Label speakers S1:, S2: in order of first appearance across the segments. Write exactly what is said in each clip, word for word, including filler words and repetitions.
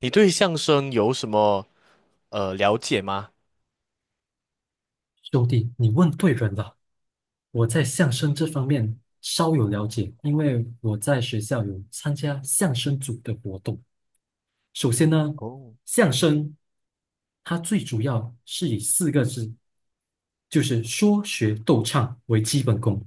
S1: 你对相声有什么呃了解吗？
S2: 兄弟，你问对人了。我在相声这方面稍有了解，因为我在学校有参加相声组的活动。首先呢，相声它最主要是以四个字，就是说学逗唱为基本功。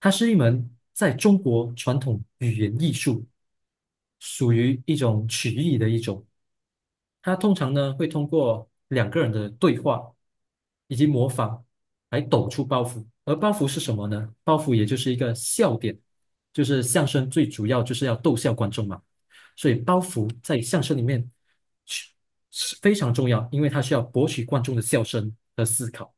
S2: 它是一门在中国传统语言艺术，属于一种曲艺的一种。它通常呢会通过两个人的对话以及模仿来抖出包袱。而包袱是什么呢？包袱也就是一个笑点，就是相声最主要就是要逗笑观众嘛。所以包袱在相声里面是是非常重要，因为它需要博取观众的笑声和思考。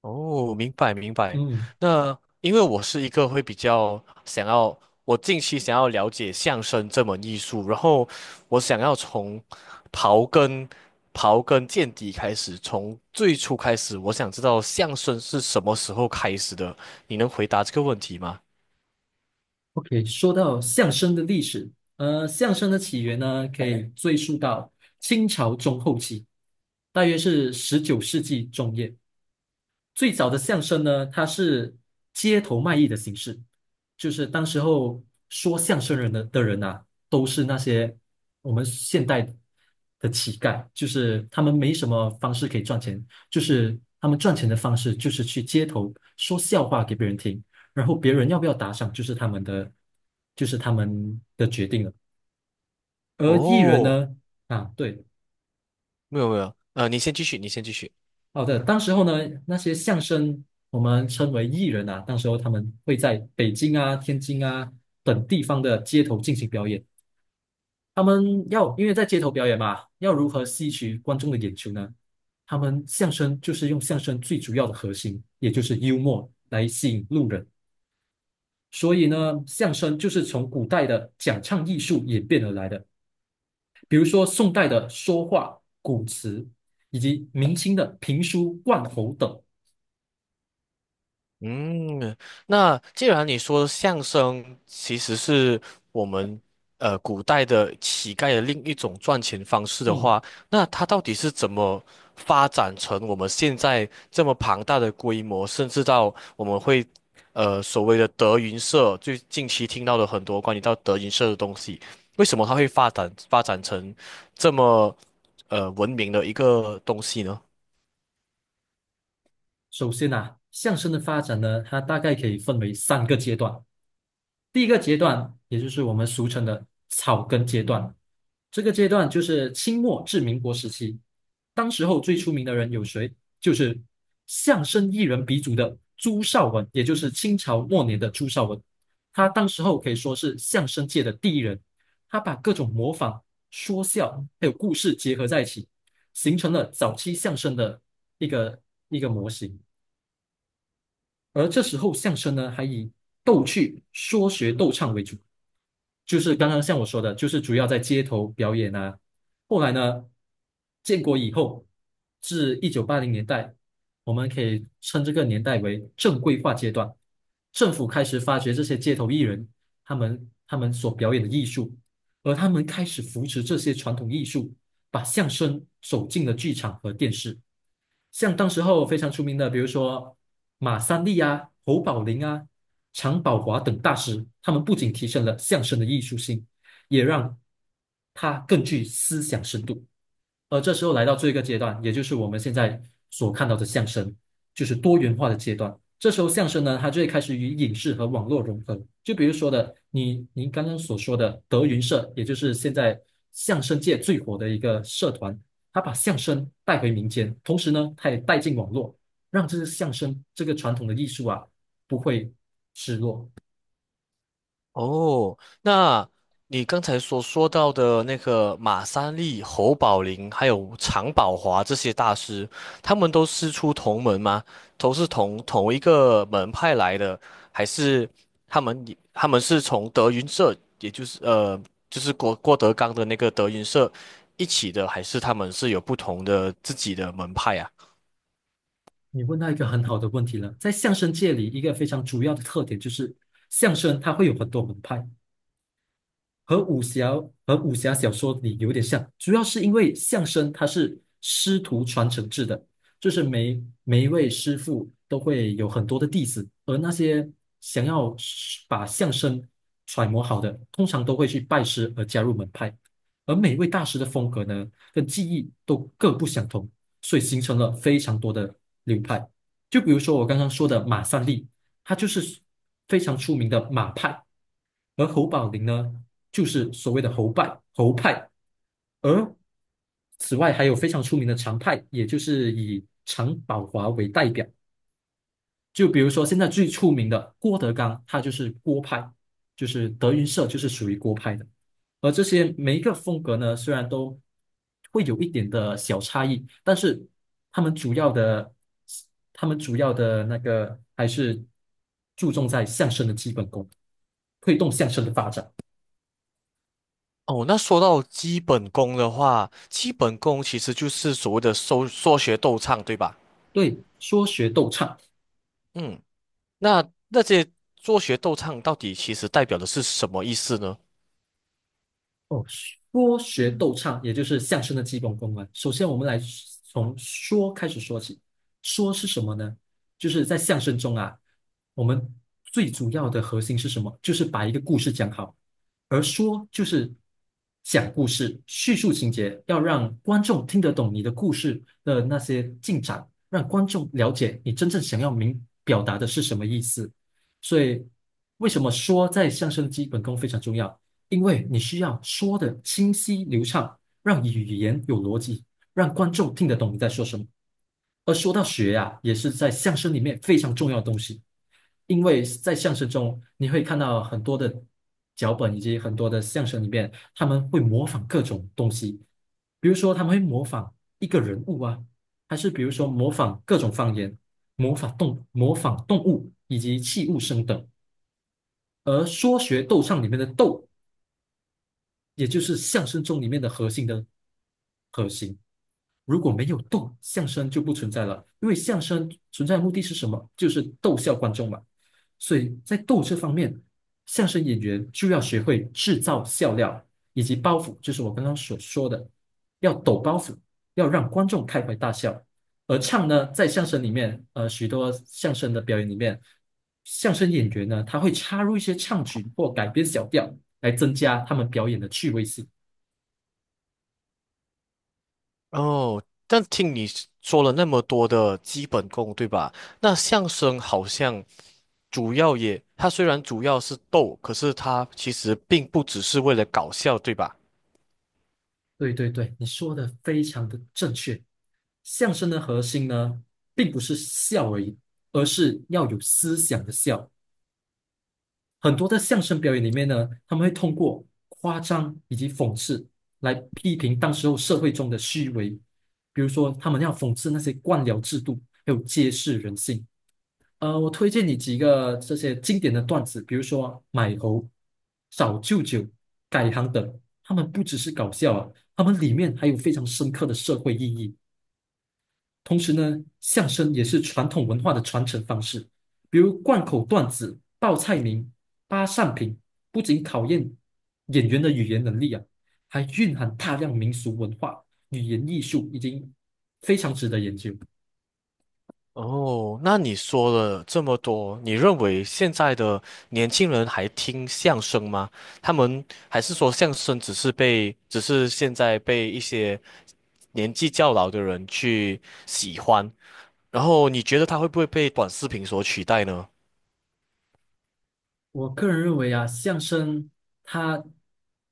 S1: 哦，明白明白。
S2: 嗯
S1: 那因为我是一个会比较想要，我近期想要了解相声这门艺术，然后我想要从刨根刨根见底开始，从最初开始，我想知道相声是什么时候开始的。你能回答这个问题吗？
S2: ，OK,说到相声的历史，呃，相声的起源呢，可以追溯到清朝中后期，大约是十九世纪中叶。最早的相声呢，它是街头卖艺的形式，就是当时候说相声人的的人啊，都是那些我们现代的乞丐，就是他们没什么方式可以赚钱，就是他们赚钱的方式就是去街头说笑话给别人听，然后别人要不要打赏就是他们的，就是他们的决定了。而艺人
S1: 哦，
S2: 呢，啊，对。
S1: 没有没有，呃，你先继续，你先继续。
S2: 好的，当时候呢，那些相声我们称为艺人啊，当时候他们会在北京啊、天津啊等地方的街头进行表演。他们要因为在街头表演嘛，要如何吸取观众的眼球呢？他们相声就是用相声最主要的核心，也就是幽默来吸引路人。所以呢，相声就是从古代的讲唱艺术演变而来的，比如说宋代的说话、古词，以及明清的评书、贯喉等。
S1: 嗯，那既然你说相声其实是我们呃古代的乞丐的另一种赚钱方式的
S2: 嗯。
S1: 话，那它到底是怎么发展成我们现在这么庞大的规模，甚至到我们会呃所谓的德云社，最近期听到的很多关于到德云社的东西，为什么它会发展发展成这么呃文明的一个东西呢？
S2: 首先呐，相声的发展呢，它大概可以分为三个阶段。第一个阶段，也就是我们俗称的草根阶段，这个阶段就是清末至民国时期。当时候最出名的人有谁？就是相声艺人鼻祖的朱绍文，也就是清朝末年的朱绍文。他当时候可以说是相声界的第一人，他把各种模仿、说笑还有故事结合在一起，形成了早期相声的一个一个模型。而这时候相声呢，还以逗趣、说学逗唱为主，就是刚刚像我说的，就是主要在街头表演啊。后来呢，建国以后至一九八零年代，我们可以称这个年代为正规化阶段。政府开始发掘这些街头艺人，他们他们所表演的艺术，而他们开始扶持这些传统艺术，把相声走进了剧场和电视。像当时候非常出名的，比如说马三立啊、侯宝林啊、常宝华等大师，他们不仅提升了相声的艺术性，也让它更具思想深度。而这时候来到这一个阶段，也就是我们现在所看到的相声，就是多元化的阶段。这时候相声呢，它就会开始与影视和网络融合。就比如说的，你您刚刚所说的德云社，也就是现在相声界最火的一个社团，它把相声带回民间，同时呢，它也带进网络，让这个相声这个传统的艺术啊，不会失落。
S1: 哦，那你刚才所说到的那个马三立、侯宝林，还有常宝华这些大师，他们都师出同门吗？都是同同一个门派来的，还是他们也他们是从德云社，也就是呃，就是郭郭德纲的那个德云社一起的，还是他们是有不同的自己的门派啊？
S2: 你问到一个很好的问题了，在相声界里，一个非常主要的特点就是相声它会有很多门派。和武侠和武侠小说里有点像，主要是因为相声它是师徒传承制的，就是每每一位师傅都会有很多的弟子，而那些想要是把相声揣摩好的，通常都会去拜师而加入门派，而每一位大师的风格呢，跟技艺都各不相同，所以形成了非常多的流派。就比如说我刚刚说的马三立，他就是非常出名的马派。而侯宝林呢？就是所谓的侯派。侯派，而此外还有非常出名的常派，也就是以常宝华为代表。就比如说现在最出名的郭德纲，他就是郭派，就是德云社就是属于郭派的。而这些每一个风格呢，虽然都会有一点的小差异，但是他们主要的，他们主要的那个还是注重在相声的基本功，推动相声的发展。
S1: 哦，那说到基本功的话，基本功其实就是所谓的搜说学逗唱，对吧？
S2: 对，说学逗唱。
S1: 嗯。那那些做学逗唱到底其实代表的是什么意思呢？
S2: 哦，说学逗唱，也就是相声的基本功啊。首先，我们来从说开始说起。说是什么呢？就是在相声中啊，我们最主要的核心是什么？就是把一个故事讲好。而说就是讲故事，叙述情节，要让观众听得懂你的故事的那些进展，让观众了解你真正想要明表达的是什么意思。所以，为什么说在相声的基本功非常重要？因为你需要说的清晰流畅，让语言有逻辑，让观众听得懂你在说什么。而说到学呀、也是在相声里面非常重要的东西，因为在相声中你会看到很多的脚本以及很多的相声里面，他们会模仿各种东西，比如说他们会模仿一个人物啊，还是比如说模仿各种方言，模仿动模仿动物以及器物声等。而说学逗唱里面的逗也就是相声中里面的核心的核心。如果没有逗，相声就不存在了，因为相声存在的目的是什么？就是逗笑观众嘛。所以在逗这方面，相声演员就要学会制造笑料以及包袱，就是我刚刚所说的，要抖包袱，要让观众开怀大笑。而唱呢，在相声里面，呃，许多相声的表演里面，相声演员呢，他会插入一些唱曲或改编小调，来增加他们表演的趣味性。
S1: 哦，但听你说了那么多的基本功，对吧？那相声好像主要也，它虽然主要是逗，可是它其实并不只是为了搞笑，对吧？
S2: 对对对，你说的非常的正确。相声的核心呢，并不是笑而已，而是要有思想的笑。很多的相声表演里面呢，他们会通过夸张以及讽刺来批评当时候社会中的虚伪，比如说他们要讽刺那些官僚制度，还有揭示人性。呃，我推荐你几个这些经典的段子，比如说买猴、找舅舅、改行等，他们不只是搞笑啊，他们里面还有非常深刻的社会意义。同时呢，相声也是传统文化的传承方式，比如贯口段子、报菜名、扒扇屏，不仅考验演员的语言能力啊，还蕴含大量民俗文化、语言艺术，已经非常值得研究。
S1: 哦，那你说了这么多，你认为现在的年轻人还听相声吗？他们还是说相声只是被，只是现在被一些年纪较老的人去喜欢，然后你觉得它会不会被短视频所取代呢？
S2: 我个人认为啊，相声它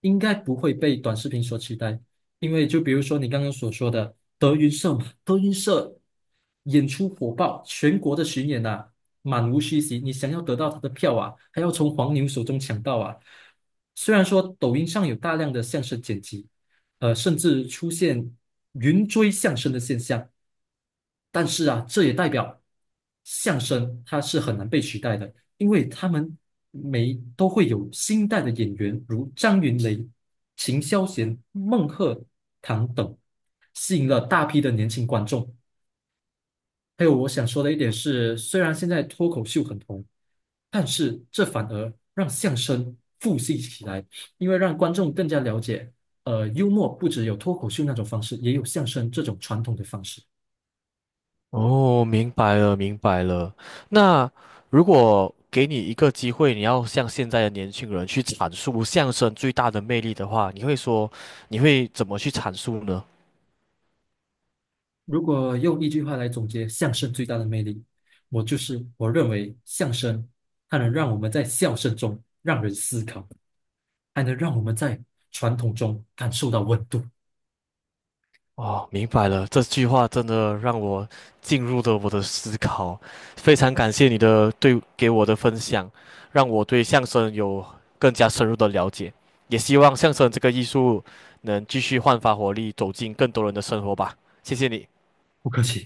S2: 应该不会被短视频所取代，因为就比如说你刚刚所说的德云社嘛，德云社演出火爆，全国的巡演啊，满无虚席。你想要得到他的票啊，还要从黄牛手中抢到啊。虽然说抖音上有大量的相声剪辑，呃，甚至出现云追相声的现象，但是啊，这也代表相声它是很难被取代的，因为他们每都会有新代的演员，如张云雷、秦霄贤、孟鹤堂等，吸引了大批的年轻观众。还有我想说的一点是，虽然现在脱口秀很红，但是这反而让相声复兴起来，因为让观众更加了解，呃，幽默不只有脱口秀那种方式，也有相声这种传统的方式。
S1: 哦，明白了，明白了。那如果给你一个机会，你要向现在的年轻人去阐述相声最大的魅力的话，你会说，你会怎么去阐述呢？
S2: 如果用一句话来总结相声最大的魅力，我就是我认为相声它能让我们在笑声中让人思考，还能让我们在传统中感受到温度。
S1: 哦，明白了，这句话真的让我进入了我的思考，非常感谢你的对给我的分享，让我对相声有更加深入的了解，也希望相声这个艺术能继续焕发活力，走进更多人的生活吧。谢谢你。
S2: 不客气。